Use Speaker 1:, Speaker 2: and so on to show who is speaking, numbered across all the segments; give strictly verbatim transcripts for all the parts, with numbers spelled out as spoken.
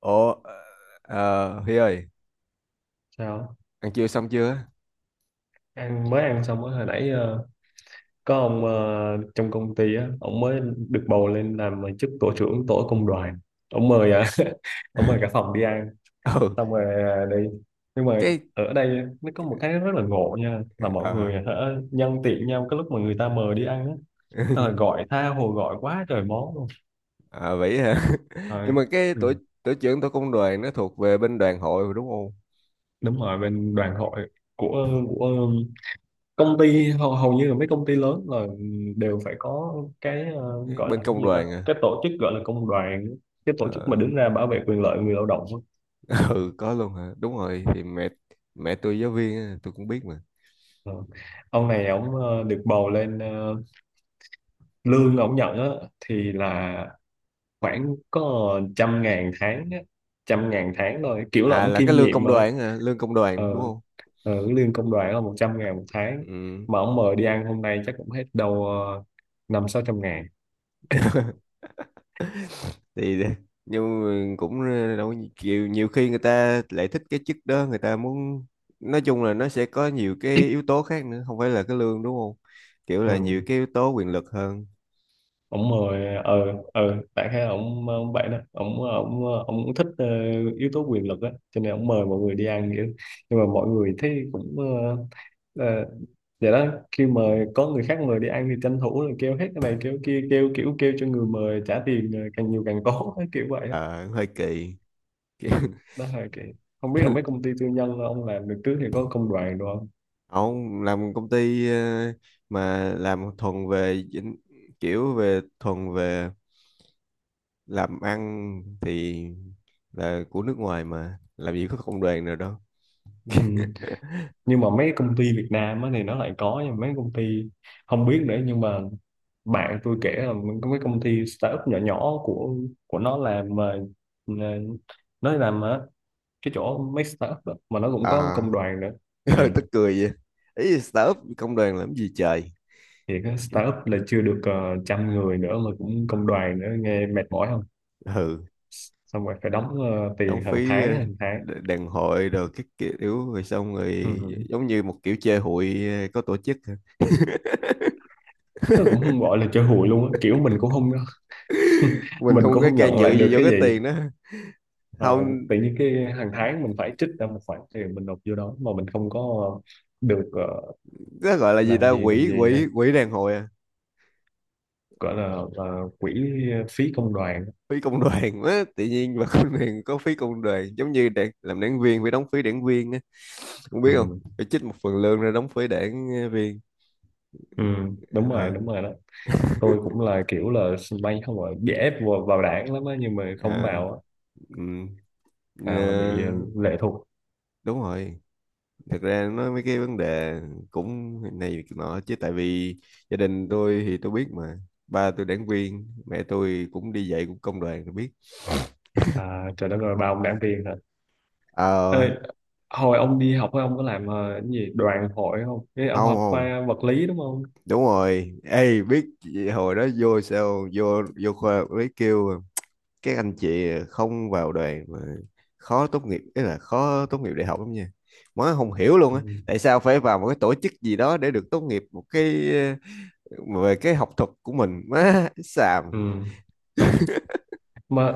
Speaker 1: Ủa, ờ, ờ, Huy ơi,
Speaker 2: Sao,
Speaker 1: ăn trưa xong chưa?
Speaker 2: ăn mới ăn xong mới hồi nãy. ờ, có ông ờ, trong công ty á, ông mới được bầu lên làm ờ, chức tổ trưởng tổ công đoàn. Ông mời à, ông mời cả phòng đi ăn
Speaker 1: Ừ,
Speaker 2: xong rồi à, đi. Nhưng mà
Speaker 1: cái,
Speaker 2: ở đây nó có một cái rất là ngộ nha, là mọi
Speaker 1: ờ,
Speaker 2: người hả, nhân tiện nhau cái lúc mà người ta mời đi ăn á, ờ, gọi tha hồ, gọi quá trời món luôn.
Speaker 1: à, vậy hả?
Speaker 2: Ờ,
Speaker 1: Nhưng mà cái
Speaker 2: ừ,
Speaker 1: tổ, tổ trưởng tổ công đoàn nó thuộc về bên đoàn hội rồi đúng không?
Speaker 2: đúng rồi bên đoàn hội của của công ty, hầu, hầu như là mấy công ty lớn là đều phải có cái ờ,
Speaker 1: Cái
Speaker 2: gọi
Speaker 1: Bên
Speaker 2: là cái
Speaker 1: công
Speaker 2: gì ta,
Speaker 1: đoàn à?
Speaker 2: cái tổ chức gọi là công đoàn, cái tổ chức mà
Speaker 1: Ờ,
Speaker 2: đứng ra bảo vệ quyền lợi người lao động á.
Speaker 1: ừ, có luôn hả? Đúng rồi, thì mẹ mẹ tôi giáo viên, á, tôi cũng biết mà.
Speaker 2: Ờ. Ông này ông ờ, được bầu lên, ờ, lương ông nhận á, thì là khoảng có trăm ngàn tháng á, trăm ngàn tháng thôi, kiểu là
Speaker 1: À,
Speaker 2: ông
Speaker 1: là cái
Speaker 2: kiêm
Speaker 1: lương
Speaker 2: nhiệm
Speaker 1: công
Speaker 2: mà.
Speaker 1: đoàn hả? Lương công
Speaker 2: ờ,
Speaker 1: đoàn đúng không?
Speaker 2: ờ, lương công đoàn là một trăm ngàn một tháng,
Speaker 1: Ừ.
Speaker 2: mà ông mời đi ăn hôm nay chắc cũng hết đâu ờ, năm sáu trăm ngàn.
Speaker 1: Thì nhưng mà cũng ờ, đâu có nhiều, nhiều khi người ta lại thích cái chức đó, người ta muốn nói chung là nó sẽ có nhiều cái yếu tố khác nữa, không phải là cái lương đúng không, kiểu là nhiều
Speaker 2: Ừ.
Speaker 1: cái yếu tố quyền lực hơn.
Speaker 2: Ổng mời ờ ờ đại khái là ổng ổng vậy đó, ổng ổng ổng cũng thích ờ, yếu tố quyền lực á, cho nên ổng mời mọi người đi ăn vậy đó. Nhưng mà mọi người thấy cũng ờ, ờ, vậy đó, khi mà có người khác mời đi ăn thì tranh thủ là kêu hết cái này kêu kia, kêu kiểu kêu cho người mời trả tiền ờ, càng nhiều càng tốt kiểu vậy á.
Speaker 1: Ờ, hơi kỳ.
Speaker 2: Ừ.
Speaker 1: Kiểu-
Speaker 2: Đó là cái, không biết là mấy công ty tư nhân ông làm được trước thì có công đoàn được không.
Speaker 1: Không làm công ty ờ, mà làm thuần về dính- kiểu về thuần về làm ăn thì là của nước ngoài, mà làm gì có công đoàn nào đâu.
Speaker 2: Ừ. Nhưng mà mấy công ty Việt Nam á thì nó lại có, nhưng mà mấy công ty không biết nữa, nhưng mà bạn tôi kể là có cái công ty startup nhỏ nhỏ của của nó làm mà mà nó làm ở cái chỗ mấy startup đó, mà nó cũng có
Speaker 1: À,
Speaker 2: công đoàn nữa. Ừ.
Speaker 1: ừ, tức cười vậy. Ý là startup công đoàn làm gì trời.
Speaker 2: Thì cái
Speaker 1: Cái-
Speaker 2: startup là chưa được ờ, trăm người nữa mà cũng công đoàn nữa, nghe mệt mỏi không.
Speaker 1: ừ,
Speaker 2: Xong rồi phải đóng ờ,
Speaker 1: đóng
Speaker 2: tiền hàng
Speaker 1: phí,
Speaker 2: tháng,
Speaker 1: ờ,
Speaker 2: hàng tháng.
Speaker 1: đ- đàn hội rồi các kiểu rồi xong rồi
Speaker 2: Ừ.
Speaker 1: giống như một kiểu chơi hụi, ờ, có tổ chức.
Speaker 2: Nó cũng không gọi là chơi hụi luôn á, kiểu mình cũng không,
Speaker 1: Mình
Speaker 2: mình
Speaker 1: không
Speaker 2: cũng
Speaker 1: có
Speaker 2: không
Speaker 1: can
Speaker 2: nhận
Speaker 1: dự
Speaker 2: lại được
Speaker 1: gì vô
Speaker 2: cái
Speaker 1: cái
Speaker 2: gì.
Speaker 1: tiền đó,
Speaker 2: Ờ,
Speaker 1: không.
Speaker 2: tự nhiên cái hàng tháng mình phải trích ra một khoản tiền, mình nộp vô đó mà mình không có được ờ,
Speaker 1: Nó gọi là gì
Speaker 2: làm
Speaker 1: ta,
Speaker 2: gì, làm
Speaker 1: quỹ
Speaker 2: gì nha,
Speaker 1: quỹ quỹ đàn hội à,
Speaker 2: gọi là ờ, quỹ phí công đoàn.
Speaker 1: phí công đoàn á. Tự nhiên mà công đoàn có phí công đoàn giống như đảng, làm đảng viên phải đóng phí đảng viên á. Không biết không
Speaker 2: Ừ.
Speaker 1: phải trích một phần lương ra đóng phí đảng ờ, viên.
Speaker 2: ừ đúng rồi,
Speaker 1: ờ
Speaker 2: đúng rồi đó. Tôi cũng là kiểu là bay không gọi bị ép vào, vào đảng lắm á, nhưng mà không
Speaker 1: ờ,
Speaker 2: vào á.
Speaker 1: ừ.
Speaker 2: Vào là bị ờ,
Speaker 1: Ờ,
Speaker 2: lệ thuộc.
Speaker 1: đúng rồi. Thật ra nói mấy cái vấn đề cũng này việc nọ chứ tại vì gia đình tôi thì tôi biết mà, ba tôi đảng viên, mẹ tôi cũng đi dạy cũng công đoàn, tôi biết.
Speaker 2: À, trời đất ơi, bao ông đảng viên hả. Ê,
Speaker 1: Ờ,
Speaker 2: hồi ông đi học ấy, ông có làm ờ, cái gì đoàn hội không. Ê, ông
Speaker 1: không
Speaker 2: học
Speaker 1: không.
Speaker 2: khoa vật lý đúng không.
Speaker 1: Đúng rồi, ê biết chị- hồi đó vô sao vô vô khoa mới kêu các anh chị không vào đoàn mà khó tốt nghiệp, ý là khó tốt nghiệp đại học lắm nha. Má không hiểu luôn
Speaker 2: Ừ.
Speaker 1: á, tại sao phải vào một cái tổ chức gì đó để được tốt nghiệp một cái ờ, về cái học thuật của mình, má xàm.
Speaker 2: Ừ. Mà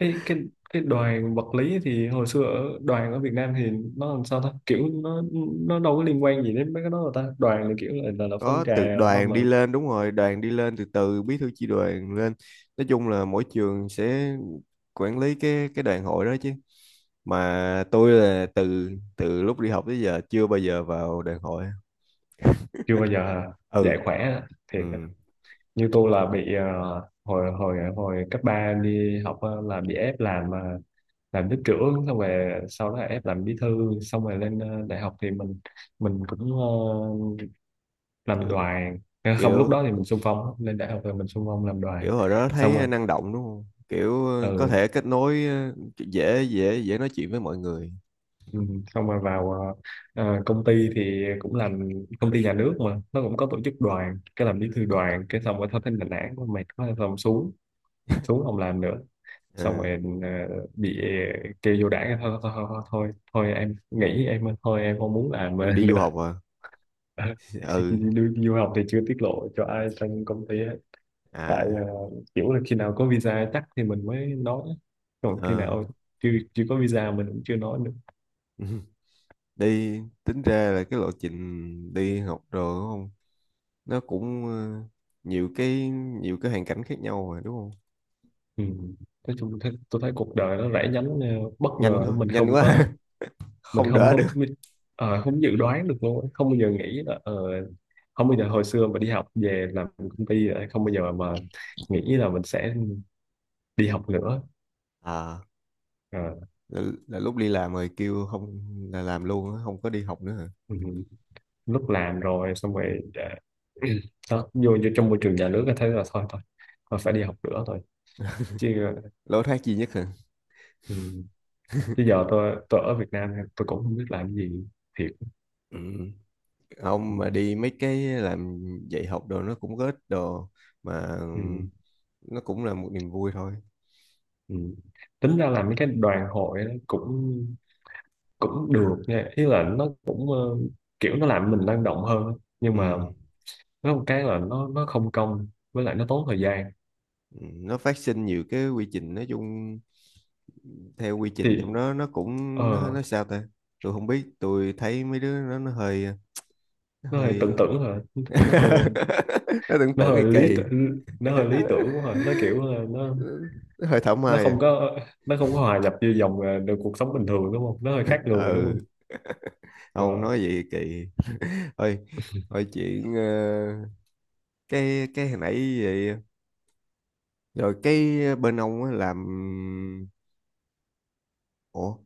Speaker 2: cái cái cái đoàn vật lý thì hồi xưa ở đoàn ở Việt Nam thì nó làm sao ta, kiểu nó nó đâu có liên quan gì đến mấy cái đó đâu ta, đoàn là kiểu là là, là phong
Speaker 1: Có từ
Speaker 2: trào đó
Speaker 1: đoàn
Speaker 2: mà.
Speaker 1: đi lên, đúng rồi, đoàn đi lên từ từ bí thư chi đoàn lên. Nói chung là mỗi trường sẽ quản lý cái cái đoàn hội đó chứ. Mà tôi là từ từ lúc đi học tới giờ chưa bao giờ vào đoàn hội.
Speaker 2: Chưa bao giờ
Speaker 1: Ừ.
Speaker 2: dạy khỏe á, thiệt á.
Speaker 1: Ừ,
Speaker 2: Như tôi là bị ờ, hồi hồi hồi cấp ba đi học á, là bị ép làm ờ, làm lớp trưởng, xong rồi sau đó là ép làm bí thư, xong rồi lên ờ, đại học thì mình mình cũng ờ, làm
Speaker 1: kiểu
Speaker 2: đoàn. Không, lúc đó
Speaker 1: kiểu
Speaker 2: thì mình xung phong, lên đại học rồi mình xung phong làm đoàn,
Speaker 1: kiểu hồi đó
Speaker 2: xong
Speaker 1: thấy
Speaker 2: rồi.
Speaker 1: năng động đúng không, kiểu ờ, có
Speaker 2: Ừ.
Speaker 1: thể kết nối, ờ, dễ dễ dễ nói chuyện với mọi người.
Speaker 2: Ừ, xong rồi vào ờ, ờ, công ty thì cũng làm công ty nhà nước mà nó cũng có tổ chức đoàn, cái làm bí thư đoàn cái xong rồi thôi, thấy nản nản quá, mệt quá, xong xuống, xuống không làm nữa. Xong
Speaker 1: Ờ,
Speaker 2: rồi ờ, bị kêu vô đảng, thôi thôi, thôi thôi, thôi thôi em nghỉ, em thôi, em không muốn làm nữa.
Speaker 1: em đi du học à?
Speaker 2: Thì
Speaker 1: Ừ.
Speaker 2: du du học thì chưa tiết lộ cho ai trong công ty hết. Tại
Speaker 1: À.
Speaker 2: ờ, kiểu là khi nào có visa chắc thì mình mới nói, còn khi
Speaker 1: ờ
Speaker 2: nào chưa, chưa có visa mình cũng chưa nói nữa.
Speaker 1: Đi tính ra là cái lộ trình đi học rồi đúng không. Nó cũng ờ, nhiều cái, nhiều cái hoàn cảnh khác nhau mà, đúng không?
Speaker 2: Ừ. Nói chung thế, tôi thấy cuộc đời nó rẽ nhánh ờ, bất
Speaker 1: Nhanh
Speaker 2: ngờ,
Speaker 1: quá,
Speaker 2: mình
Speaker 1: nhanh
Speaker 2: không
Speaker 1: quá.
Speaker 2: có, mình
Speaker 1: Không
Speaker 2: không
Speaker 1: đỡ
Speaker 2: có
Speaker 1: được.
Speaker 2: biết- ờ, không dự đoán được luôn á. Không bao giờ nghĩ là ờ, không bao giờ hồi xưa mà đi học về làm công ty, ờ, không bao giờ mà nghĩ là mình sẽ đi học nữa.
Speaker 1: À,
Speaker 2: Ờ,
Speaker 1: là, là lúc đi làm rồi kêu không, là làm luôn á, không có đi học nữa hả?
Speaker 2: ừ. Lúc làm rồi xong rồi ờ, đó, vô, vô trong môi trường nhà nước là thấy là thôi thôi, tôi phải đi học nữa thôi, chứ ờ.
Speaker 1: Lối thoát duy nhất hả?
Speaker 2: Ừ. Chứ giờ tôi tôi ở Việt Nam tôi cũng không biết làm gì, thiệt.
Speaker 1: Ừ.
Speaker 2: Ừ.
Speaker 1: Không, mà đi mấy cái làm dạy học đồ nó cũng có ích đồ mà, ừ,
Speaker 2: Ừ.
Speaker 1: nó cũng là một niềm vui thôi.
Speaker 2: Ừ. Tính ra là mấy cái đoàn hội nó cũng cũng được nha, ý là nó cũng ờ, kiểu nó làm mình năng động hơn, nhưng
Speaker 1: Ừ.
Speaker 2: mà nó một cái là nó nó không công, với lại nó tốn thời gian.
Speaker 1: Ừ, nó phát sinh nhiều cái quy trình, nói chung theo quy trình
Speaker 2: Thì
Speaker 1: trong đó nó cũng
Speaker 2: ờ,
Speaker 1: nó, nó sao ta, tôi không biết. Tôi thấy mấy đứa nó nó hơi, nó
Speaker 2: nó hơi tưởng
Speaker 1: hơi
Speaker 2: tượng rồi, nó hơi,
Speaker 1: nó tưởng
Speaker 2: nó
Speaker 1: tưởng kỳ
Speaker 2: hơi lý
Speaker 1: kỳ,
Speaker 2: tưởng, nó hơi lý tưởng quá rồi, nó kiểu là nó
Speaker 1: nó hơi thảo
Speaker 2: nó
Speaker 1: mai à.
Speaker 2: không có, nó không có hòa nhập vô dòng ờ, được cuộc sống bình thường đúng không, nó hơi khác người đúng
Speaker 1: Ừ,
Speaker 2: không.
Speaker 1: không
Speaker 2: Ờ,
Speaker 1: nói vậy kỳ. Thôi, thôi chuyện ờ, cái cái hồi nãy vậy. Rồi cái bên ông á làm, ủa,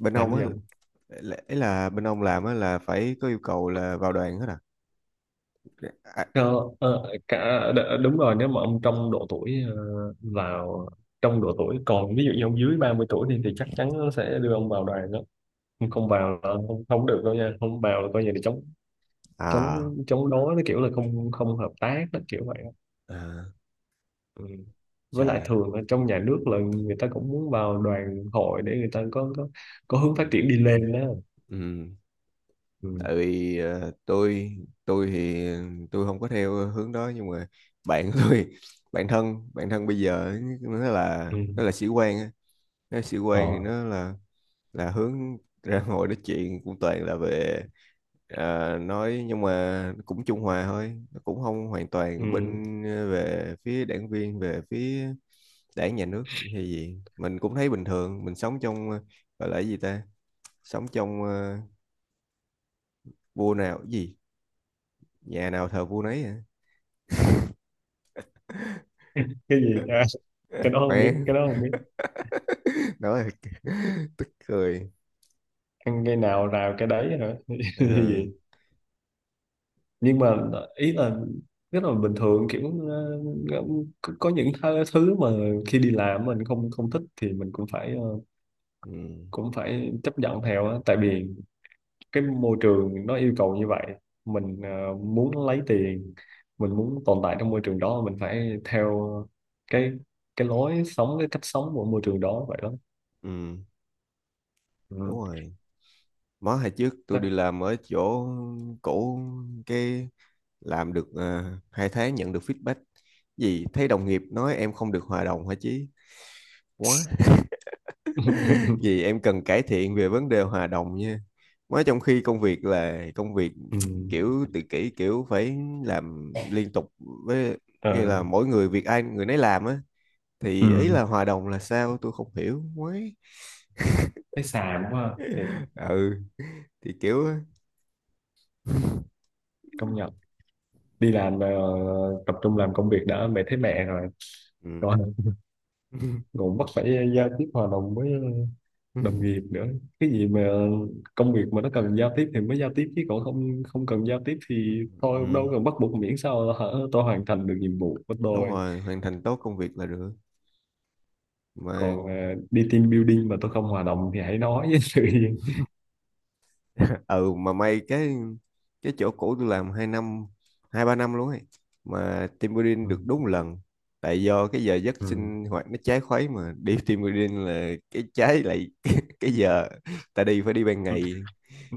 Speaker 1: bên
Speaker 2: làm
Speaker 1: ông
Speaker 2: gì.
Speaker 1: á là, ấy là bên ông làm á là phải có yêu cầu là vào đoàn hết à? À,
Speaker 2: Ờ, ờ, cả đ- đúng rồi, nếu mà ông trong độ tuổi ờ, vào, trong độ tuổi còn, ví dụ như ông dưới ba mươi tuổi thì, thì chắc chắn nó sẽ đưa ông vào đoàn đó. Không không vào là không không được đâu nha, không vào là coi như là chống,
Speaker 1: à
Speaker 2: chống chống đối, nó kiểu là không không hợp tác đó, kiểu vậy á.
Speaker 1: à,
Speaker 2: Ừ. Với lại
Speaker 1: trời.
Speaker 2: thường ở trong nhà nước là người ta cũng muốn vào đoàn hội để người ta có có, có hướng phát
Speaker 1: Ừ.
Speaker 2: triển đi lên đó.
Speaker 1: Ừ,
Speaker 2: Ừ.
Speaker 1: tại vì ờ, tôi tôi thì tôi không có theo hướng đó, nhưng mà bạn của tôi bạn thân, bạn thân bây giờ ấy, nó là
Speaker 2: Ừ.
Speaker 1: nó là sĩ quan á. Nó là sĩ quan thì
Speaker 2: Ờ.
Speaker 1: nó là là hướng ra. Ngồi nói chuyện cũng toàn là về ờ, nói, nhưng mà cũng trung hòa thôi, nó cũng không hoàn toàn
Speaker 2: Ừ.
Speaker 1: bên ờ, về phía đảng viên, về phía đảng nhà nước hay gì. Mình cũng thấy bình thường, mình sống trong ờ, gọi là cái gì ta, sống trong ờ, vua nào cái gì, nhà nào thờ vua nấy hả?
Speaker 2: Cái gì à, cái đó không biết,
Speaker 1: Mẹ,
Speaker 2: cái đó không biết.
Speaker 1: nói là- tức cười.
Speaker 2: Ăn cái nào rào cái đấy hả. Như
Speaker 1: ừ,
Speaker 2: vậy. Nhưng mà ý là rất là bình thường, kiểu ờ, ờ, có có những th- thứ mà khi đi làm mình không không thích thì mình cũng phải ờ,
Speaker 1: ừ,
Speaker 2: cũng phải chấp nhận theo á, tại vì cái môi trường nó yêu cầu như vậy. Mình ờ, muốn lấy tiền, mình muốn tồn tại trong môi trường đó, mình phải theo cái cái lối sống, cái cách sống của môi trường đó vậy đó.
Speaker 1: ừ, đúng
Speaker 2: Ừ.
Speaker 1: rồi. Mới hồi trước tôi đi
Speaker 2: Chắc-
Speaker 1: làm ở chỗ cũ, cái làm được à, hai tháng nhận được feedback gì thấy đồng nghiệp nói em không được hòa đồng, hả chí quá. Vì em cần cải thiện về vấn đề hòa đồng nha, mới trong khi công việc là công việc,
Speaker 2: ừ.
Speaker 1: kiểu tự kỷ kiểu phải làm liên tục. Với như
Speaker 2: Ờ.
Speaker 1: là mỗi người việc ai người nấy làm á, thì ý
Speaker 2: Ừ.
Speaker 1: là hòa đồng là sao, tôi không hiểu mới.
Speaker 2: Thấy xàm quá ha. Thiệt.
Speaker 1: Ừ, thì kiểu.
Speaker 2: Công nhận. Đi làm ờ, tập trung làm công việc đã mẹ thấy mẹ rồi.
Speaker 1: Ừ.
Speaker 2: Còn cũng bắt phải giao tiếp hòa đồng với đồng nghiệp nữa, cái gì mà công việc mà nó cần giao tiếp thì mới giao tiếp, chứ còn không, không cần giao tiếp thì thôi,
Speaker 1: Ừ,
Speaker 2: đâu cần bắt buộc, miễn sao hả, tôi hoàn thành được nhiệm vụ của
Speaker 1: đúng
Speaker 2: tôi.
Speaker 1: rồi, hoàn thành tốt công việc là được
Speaker 2: Còn
Speaker 1: mà.
Speaker 2: à, đi team building mà tôi không hòa đồng thì hãy nói với sự yên.
Speaker 1: Ừ, mà may cái cái chỗ cũ tôi làm hai năm, hai ba năm luôn ấy, mà team building
Speaker 2: Ừ.
Speaker 1: được đúng một lần. Tại do cái giờ giấc
Speaker 2: Ừ.
Speaker 1: sinh hoạt nó trái khuấy mà đi team building là cái trái lại cái cái giờ ta đi phải đi ban ngày,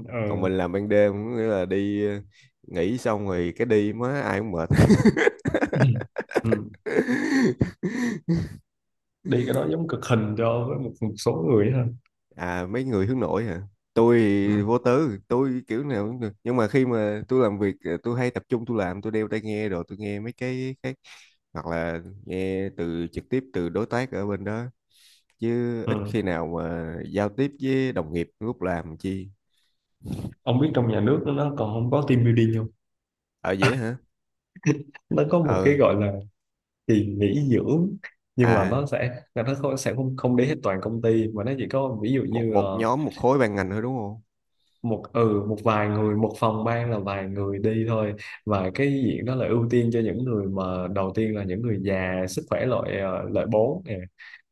Speaker 2: Ờ.
Speaker 1: còn mình làm ban đêm, có nghĩa là đi ờ, nghỉ xong rồi cái đi, má ai cũng mệt.
Speaker 2: Ừ. Đi cái đó giống cực hình cho với một, một số người ha.
Speaker 1: À, mấy người hướng nội hả. Tôi thì
Speaker 2: Ừ.
Speaker 1: vô tư, tôi kiểu nào cũng được, nhưng mà khi mà tôi làm việc ờ, tôi hay tập trung, tôi làm tôi đeo tai nghe rồi tôi nghe mấy cái khác, hoặc là nghe từ trực tiếp từ đối tác ở bên đó, chứ ít
Speaker 2: Ừ.
Speaker 1: khi nào mà giao tiếp với đồng nghiệp lúc làm chi.
Speaker 2: Ông biết trong nhà nước nó còn không có team building không.
Speaker 1: Ở dễ hả?
Speaker 2: Nó có một
Speaker 1: Ờ.
Speaker 2: cái gọi là kỳ nghỉ dưỡng, nhưng mà
Speaker 1: À,
Speaker 2: nó sẽ là nó không, sẽ không không đến hết toàn công ty, mà nó chỉ có ví dụ
Speaker 1: một
Speaker 2: như
Speaker 1: một
Speaker 2: ờ,
Speaker 1: nhóm một khối ban ngành thôi đúng không.
Speaker 2: một, ừ một vài người, một phòng ban là vài người đi thôi. Và cái diện đó là ưu tiên cho những người mà đầu tiên là những người già sức khỏe loại ờ, loại bốn nè,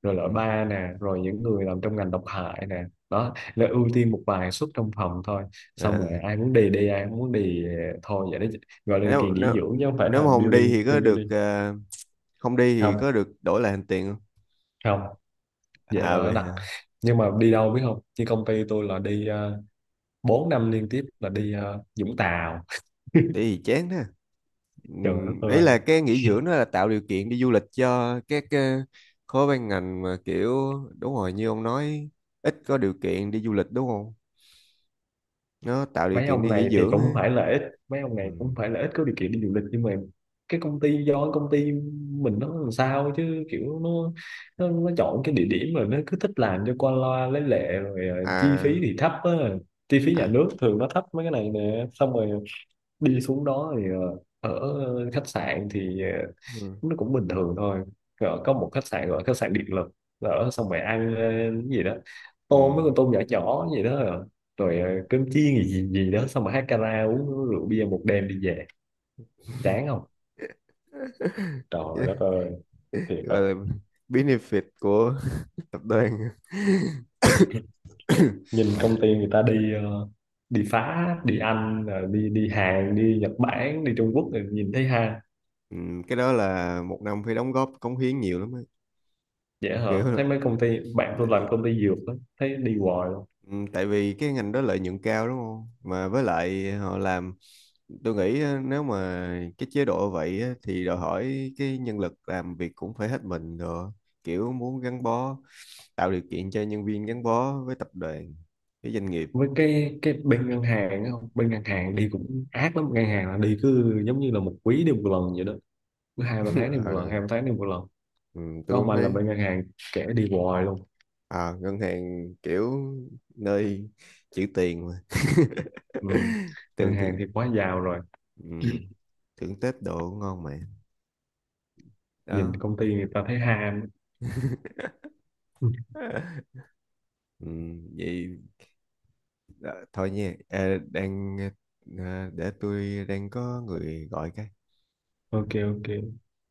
Speaker 2: rồi loại
Speaker 1: Ừ.
Speaker 2: ba nè, rồi những người làm trong ngành độc hại nè. Đó là ưu tiên một vài suất trong phòng thôi,
Speaker 1: À,
Speaker 2: xong rồi ai muốn đi đi, ai không muốn đi ờ, thôi vậy đó. Gọi là kỳ
Speaker 1: nếu
Speaker 2: nghỉ
Speaker 1: nếu
Speaker 2: dưỡng chứ không phải
Speaker 1: nếu
Speaker 2: là
Speaker 1: mà không đi thì
Speaker 2: building,
Speaker 1: có
Speaker 2: team
Speaker 1: được
Speaker 2: building.
Speaker 1: à, không đi thì
Speaker 2: Không
Speaker 1: có được đổi lại hành tiền không?
Speaker 2: không. Vậy là
Speaker 1: À
Speaker 2: nó
Speaker 1: vậy
Speaker 2: đặc,
Speaker 1: hả.
Speaker 2: nhưng mà đi đâu biết không, như công ty tôi là đi uh, bốn năm liên tiếp là đi ờ, Vũng Tàu.
Speaker 1: Đi thì chán đó. Ừ.
Speaker 2: Trời đất
Speaker 1: Ấy là
Speaker 2: ơi.
Speaker 1: cái nghỉ dưỡng đó là tạo điều kiện đi du lịch cho các ờ, khối ban ngành mà kiểu đúng rồi như ông nói, ít có điều kiện đi du lịch đúng không, nó tạo điều
Speaker 2: Mấy
Speaker 1: kiện
Speaker 2: ông
Speaker 1: đi nghỉ
Speaker 2: này thì
Speaker 1: dưỡng
Speaker 2: cũng không
Speaker 1: á.
Speaker 2: phải là ít, mấy ông
Speaker 1: Ừ.
Speaker 2: này cũng không phải là ít có điều kiện đi du lịch, nhưng mà cái công ty, do cái công ty mình nó làm sao chứ, kiểu nó nó, nó chọn cái địa điểm rồi nó cứ thích làm cho qua loa lấy lệ, rồi ờ, chi phí
Speaker 1: À.
Speaker 2: thì thấp á, chi phí nhà
Speaker 1: À.
Speaker 2: nước thường nó thấp mấy cái này nè. Xong rồi đi xuống đó thì ờ, ở khách sạn thì ờ,
Speaker 1: Ừ.
Speaker 2: nó cũng bình thường thôi. Rồi có một khách sạn gọi là khách sạn điện lực, ở, xong rồi ăn ờ, cái gì đó, tôm, mấy
Speaker 1: Ừ.
Speaker 2: con tôm nhỏ nhỏ gì đó rồi, rồi ờ, cơm chiên gì gì gì đó, xong rồi hát karaoke uống rượu bia một đêm đi về. Chán không. Trời đất ơi. Thiệt á.
Speaker 1: Gọi là benefit của tập đoàn.
Speaker 2: Nhìn công ty người ta đi ờ, đi phá, đi Anh, rồi đi đi Hàn, đi Nhật Bản, đi Trung Quốc rồi nhìn thấy ha.
Speaker 1: Ừ. Cái đó là một năm phải đóng góp cống hiến nhiều lắm á,
Speaker 2: Dễ hả,
Speaker 1: kiểu là.
Speaker 2: thấy mấy công ty, bạn tôi làm công ty dược đó, thấy đi hoài luôn.
Speaker 1: Ừ. Tại vì cái ngành đó lợi nhuận cao đúng không, mà với lại họ làm. Tôi nghĩ á, nếu mà cái chế độ vậy á, thì đòi hỏi cái nhân lực làm việc cũng phải hết mình rồi, kiểu muốn gắn bó, tạo điều kiện cho nhân viên gắn bó với tập đoàn, với doanh nghiệp.
Speaker 2: Với cái cái bên ngân hàng á, không, bên ngân hàng đi cũng ác lắm, ngân hàng là đi cứ giống như là một quý đi một lần vậy đó, cứ hai ba tháng đi một lần,
Speaker 1: Ờ,
Speaker 2: hai ba tháng đi một lần.
Speaker 1: ừ,
Speaker 2: Có
Speaker 1: tôi cũng
Speaker 2: ông anh là
Speaker 1: thấy.
Speaker 2: bên ngân hàng, kẻ đi hoài luôn.
Speaker 1: À, ngân hàng kiểu nơi chữ tiền mà.
Speaker 2: Ừ. Ngân
Speaker 1: Thường
Speaker 2: hàng
Speaker 1: thường,
Speaker 2: thì quá giàu rồi.
Speaker 1: ừ, thưởng Tết đồ ngon mà,
Speaker 2: Nhìn
Speaker 1: đó.
Speaker 2: công ty người ta thấy ham.
Speaker 1: Ừ, vậy đó, thôi nha. Ờ, đang ờ, để tôi đang có người gọi cái
Speaker 2: Ok, ok.